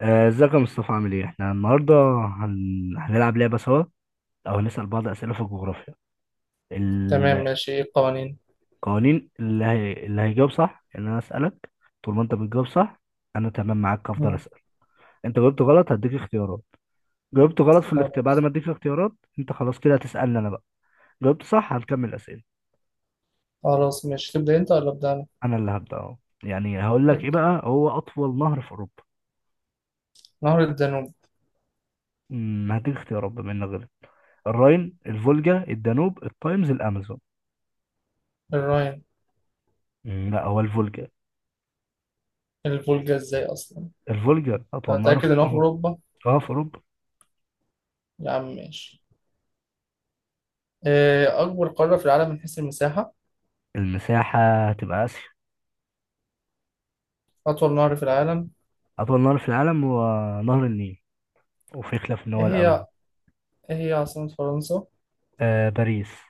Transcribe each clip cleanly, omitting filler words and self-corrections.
آه، ازيك يا مصطفى عامل ايه؟ احنا النهارده هنلعب لعبة سوا. او هنسأل بعض اسئلة في الجغرافيا. تمام القوانين ماشي، ايه القوانين؟ اللي هيجاوب صح ان انا اسألك. طول ما انت بتجاوب صح انا تمام معاك، هفضل مم. اسأل. انت جاوبت غلط، هديك اختيارات. جاوبت غلط في الاختيار بعد ما اديك اختيارات. انت خلاص كده هتسألني انا بقى. جاوبت صح، هنكمل اسئلة. خلاص ماشي، تبدأ انت ولا أبدأ أنا؟ انا اللي هبدأ اهو. يعني هقول لك ايه ابدأ. بقى؟ هو اطول نهر في اوروبا؟ نهر الدانوب. هديك اختيارات بما انك غلط. الراين، الفولجا، الدانوب، التايمز، الامازون. الراين. لا، هو الفولجا. الفولجا ازاي أصلا؟ الفولجر أطول نهر في أتأكد إن هو في أوروبا. أوروبا. أه، في أوروبا. يا عم ماشي. إيه أكبر قارة في العالم من حيث المساحة؟ المساحة؟ هتبقى آسيا. أطول نهر في العالم؟ أطول نهر في العالم هو نهر النيل، وفي خلاف إن إيه هو الأمازون. هي، إيه هي عاصمة فرنسا؟ آه، باريس.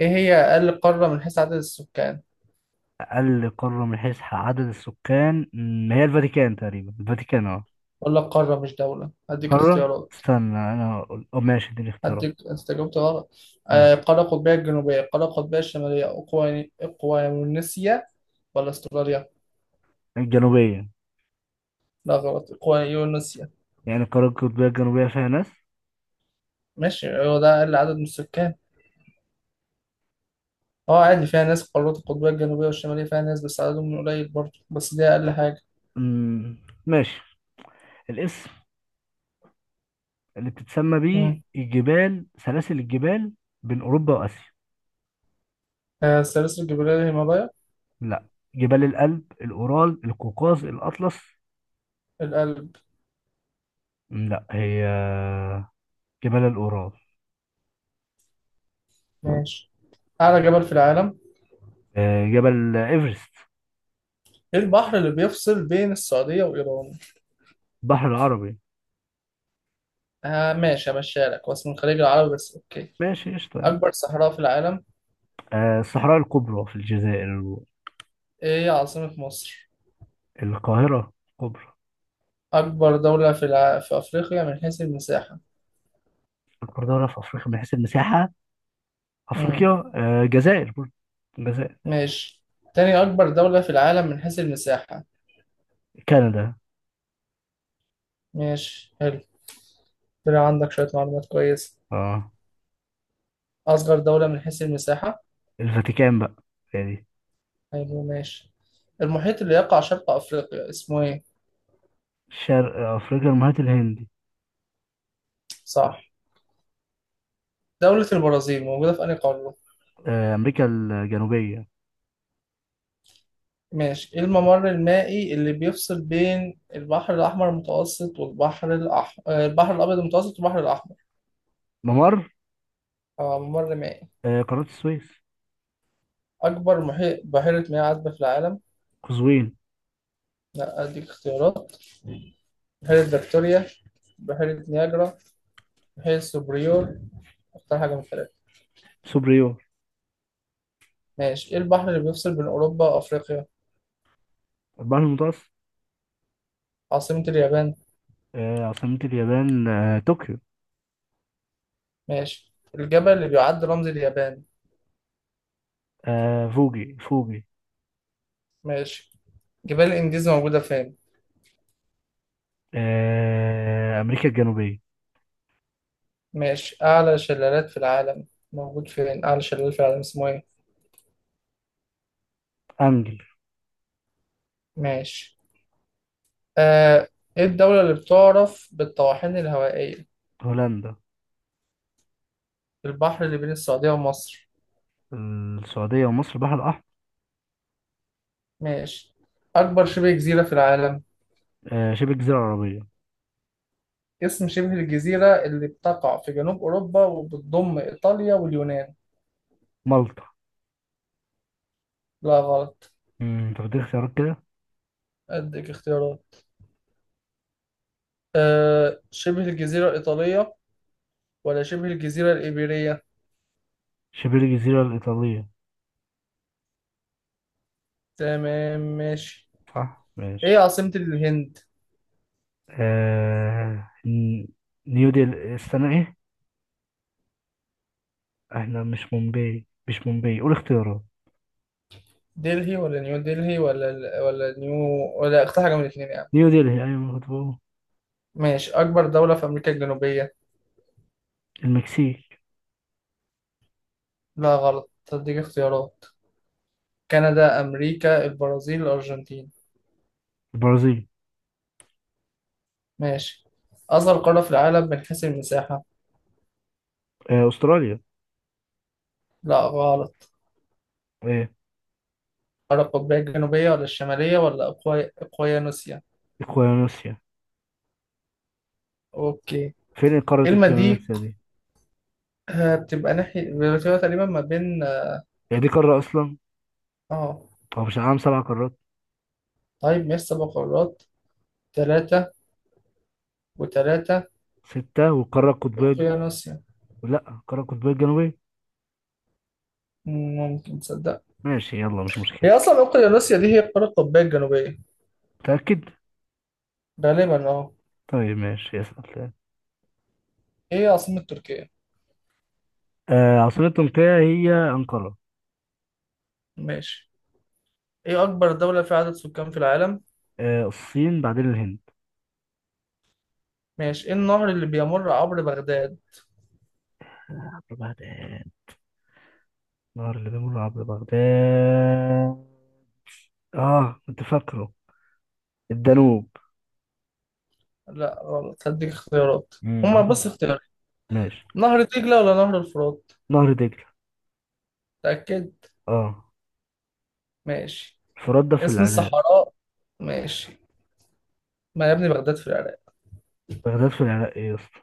إيه هي أقل قارة من حيث عدد السكان؟ أقل قارة من حيث عدد السكان؟ هي الفاتيكان تقريبا، الفاتيكان، أه. ولا قارة مش دولة، هديك قارة؟ اختيارات. استنى أنا أقول، أه ماشي، اديني اختيارات. هديك، أنت جاوبت غلط. آه، ماشي. القارة القطبية الجنوبية، القارة القطبية الشمالية، إقوانيسيا، ولا أستراليا؟ الجنوبية. لا غلط، إقوانيسيا. يعني القارة القطبية الجنوبية فيها ناس. ماشي، هو ده أقل عدد من السكان. أه عادي، فيها ناس، القارات القطبية الجنوبية والشمالية فيها ناس بس عددهم قليل برضه، بس دي أقل حاجة. م، ماشي. الاسم اللي بتتسمى بيه مم. الجبال، سلاسل الجبال بين أوروبا وآسيا. آه، السلاسل الجبلية الهيمالايا. لا. جبال الألب، الأورال، القوقاز، الأطلس. القلب. لا، هي جبال الأورال. ماشي. أعلى جبل في العالم؟ آه، جبل إيفرست. إيه البحر اللي بيفصل بين السعودية وإيران؟ بحر العربي. آه ماشي، همشيها لك، هو اسمه الخليج العربي بس أوكي. ماشي، قشطة يعني. أكبر صحراء في العالم؟ آه، الصحراء الكبرى في الجزائر. إيه عاصمة مصر؟ القاهرة. الكبرى. أكبر دولة في في أفريقيا من حيث المساحة؟ القاهرة في أفريقيا من حيث المساحة؟ أفريقيا. مم. آه، الجزائر، برضه الجزائر. ماشي. تاني أكبر دولة في العالم من حيث المساحة؟ كندا. ماشي حلو، طلع عندك شوية معلومات كويسة. اه. أصغر دولة من حيث المساحة؟ الفاتيكان بقى، يعني. حلو ماشي. المحيط اللي يقع شرق أفريقيا اسمه إيه؟ شرق أفريقيا، المحيط الهندي. صح. دولة البرازيل موجودة في أنهي قارة؟ آه، أمريكا الجنوبية. ماشي. إيه الممر المائي اللي بيفصل بين البحر الأحمر المتوسط والبحر الأحمر، البحر الأبيض المتوسط والبحر الأحمر؟ ممر. آه، ممر مائي. آه، قناة السويس. أكبر محيط بحيرة مياه عذبة في العالم؟ قزوين. لا، أديك اختيارات. بحيرة فيكتوريا، بحيرة نياجرا، بحيرة سوبريور. اختار حاجة من الثلاثة. سوبريور. ماشي. إيه البحر اللي بيفصل بين أوروبا وأفريقيا؟ البحر المتوسط. عاصمة اليابان؟ آه، عاصمة اليابان، آه، طوكيو. ماشي. الجبل اللي بيعد رمز اليابان؟ آه، فوجي فوجي. ماشي. جبال الإنجاز موجودة فين؟ آه، أمريكا الجنوبية. ماشي. أعلى شلالات في العالم، موجود فين أعلى شلال في العالم، اسمه إيه؟ أنجل. ماشي. آه إيه الدولة اللي بتعرف بالطواحين الهوائية؟ هولندا. البحر اللي بين السعودية ومصر؟ السعودية ومصر، البحر الأحمر. ماشي. أكبر شبه جزيرة في العالم؟ آه، شبه الجزيرة العربية. اسم شبه الجزيرة اللي بتقع في جنوب أوروبا وبتضم إيطاليا واليونان؟ مالطا. لا غلط، طب دي اختيارات كده. أديك اختيارات. أه، شبه الجزيرة الإيطالية، ولا شبه الجزيرة الإيبيرية؟ شبه الجزيرة الإيطالية. تمام ماشي. صح إيه ماشي. عاصمة الهند؟ آه، نيو ديلي. استنى، إيه؟ إحنا مش مومباي، مش مومباي، قول اختيارات. دلهي ولا نيو دلهي، ولا نيو، ولا اختار حاجة من الاتنين يعني. نيو ديلي، أيوة، ما كنت بقول. ماشي. أكبر دولة في أمريكا الجنوبية؟ المكسيك. لا غلط، أديك اختيارات. كندا، أمريكا، البرازيل، الأرجنتين. البرازيل. ماشي. أصغر قارة في العالم من حيث المساحة؟ آه، أستراليا. لا غلط. إيه. القارة القطبية الجنوبية ولا الشمالية ولا أقويانوسيا؟ إكوادوريا. أوكي. فين قارة الما دي، إكوادوريا دي؟ آه، بتبقى ناحية، بتبقى تقريبا ما بين. هي دي قارة أصلا؟ آه. هو مش العالم سبع قارات؟ طيب ماشي، سبع قارات. تلاتة وتلاتة. ستة والقارة القطبية أقويانوسيا. لا، القارة القطبية الجنوبية. مم، ممكن تصدق. ماشي، يلا، مش مشكلة. هي أصلا أقويانوسيا دي هي القارة القطبية الجنوبية. متأكد؟ غالبا أه. طيب، ماشي، اسأل. إيه عاصمة تركيا؟ آه، عاصمة تركيا هي أنقرة. ماشي. إيه أكبر دولة فيها عدد سكان في العالم؟ آه، الصين بعدين الهند. ماشي. إيه النهر اللي بيمر عبر بغداد؟ عبر بغداد؟ نهر اللي بيمر عبر بغداد. اه، كنت فاكره. الدانوب. لا غلط، هديك اختيارات. هما بس رقم. اختيارات. ماشي. نهر دجلة ولا نهر الفرات؟ نهر دجلة. تأكد. اه. ماشي. الفرات ده في اسم العراق. الصحراء. ماشي. ما يا ابني بغداد في العراق. بغداد في العراق، ايه يا اسطى؟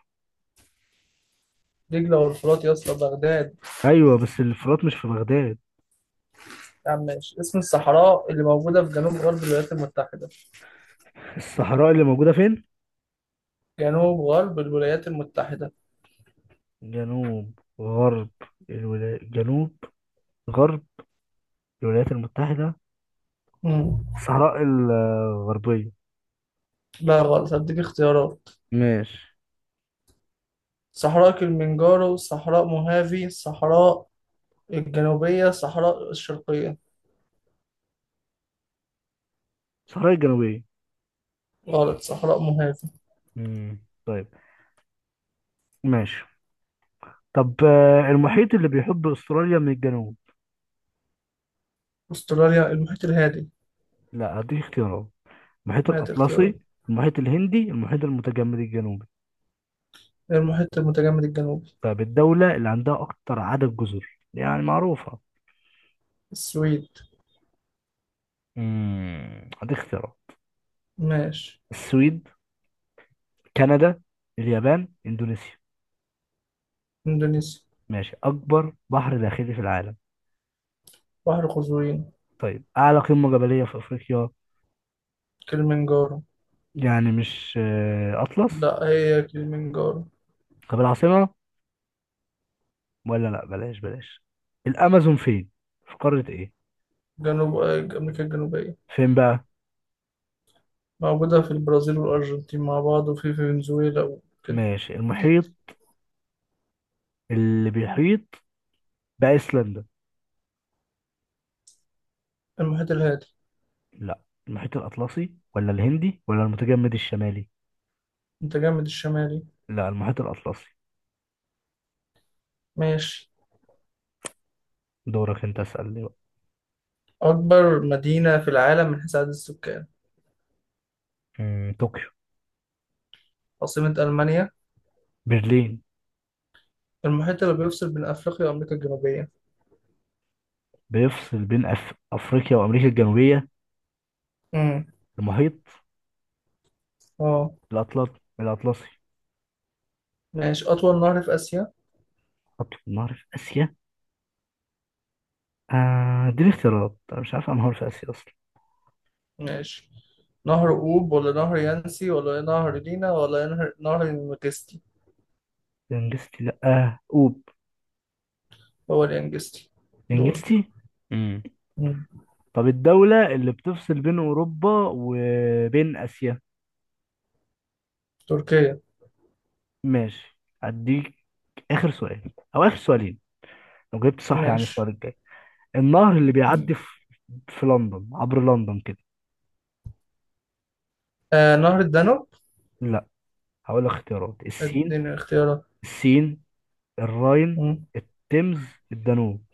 دجلة والفرات يا اسطى بغداد. ايوه، بس الفرات مش في بغداد. يا عم ماشي. اسم الصحراء اللي موجودة في جنوب غرب الولايات المتحدة؟ الصحراء اللي موجودة فين؟ جنوب غرب الولايات المتحدة. جنوب غرب الولايات، جنوب غرب الولايات المتحدة. مم. الصحراء الغربية. لا غلط، هديك اختيارات. ماشي. صحراء كلمنجارو، صحراء موهافي، صحراء الجنوبية، صحراء الشرقية. الصحراء الجنوبية. غلط، صحراء موهافي. مم. طيب. ماشي. طب المحيط اللي بيحب استراليا من الجنوب. أستراليا المحيط الهادي. لا، هديك اختيارات. المحيط ما هي اختيارات. الأطلسي، المحيط الهندي، المحيط المتجمد الجنوبي. المحيط المتجمد الجنوبي. طيب، الدولة اللي عندها أكتر عدد جزر يعني معروفة. السويد. مم. هديك اختيارات. ماشي. السويد، كندا، اليابان، إندونيسيا. إندونيسيا. ماشي، أكبر بحر داخلي في العالم. بحر قزوين. طيب، أعلى قمة جبلية في أفريقيا. كليمنجارو. يعني مش أطلس. لا هي كليمنجارو. طب العاصمة، ولا لأ، بلاش بلاش. الأمازون فين؟ في قارة إيه؟ جنوب أمريكا الجنوبية. فين بقى؟ موجودة في البرازيل والأرجنتين مع بعض وفي فنزويلا وكده. ماشي، المحيط اللي بيحيط بأيسلندا. المحيط الهادي. لأ. المحيط الأطلسي ولا الهندي ولا المتجمد الشمالي؟ متجمد الشمالي. لأ، المحيط الأطلسي. ماشي. دورك أنت، اسألني بقى. أكبر مدينة في العالم من حيث عدد السكان؟ طوكيو. عاصمة ألمانيا؟ برلين. المحيط اللي بيفصل بين أفريقيا وأمريكا الجنوبية؟ بيفصل بين أفريقيا وأمريكا الجنوبية. امم. المحيط اه. الأطلنطي، الأطلسي. ماشي. أطول نهر في آسيا؟ حط النهر في آسيا؟ آه، دي الاختيارات، أنا مش عارف أنهار في آسيا أصلا. ماشي. نهر أوب ولا نهر يانسي ولا نهر لينا ولا نهر الينجستي؟ لانجستي، لأ، آه، أوب. هو اليانجستي. دول. لانجستي. امم. مم. طب الدولة اللي بتفصل بين أوروبا وبين آسيا. تركيا. ماشي، أديك آخر سؤال أو آخر سؤالين. لو جبت صح، يعني السؤال ماشي. الجاي. النهر اللي ماشي. بيعدي في لندن، عبر لندن كده. آه، نهر الدانوب. لا. هقول لك اختيارات. السين. اديني اختيارات. السين، الراين، مم. التيمز، الدانوب.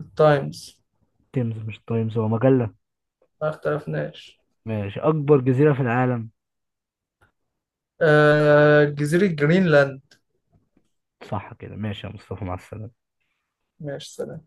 التايمز. التيمز مش التايمز، هو مجلة. ما اختلفناش. ماشي، أكبر جزيرة في العالم. آه، جزيرة جرينلاند. صح كده، ماشي يا مصطفى، مع السلامة. ماشي، سلام.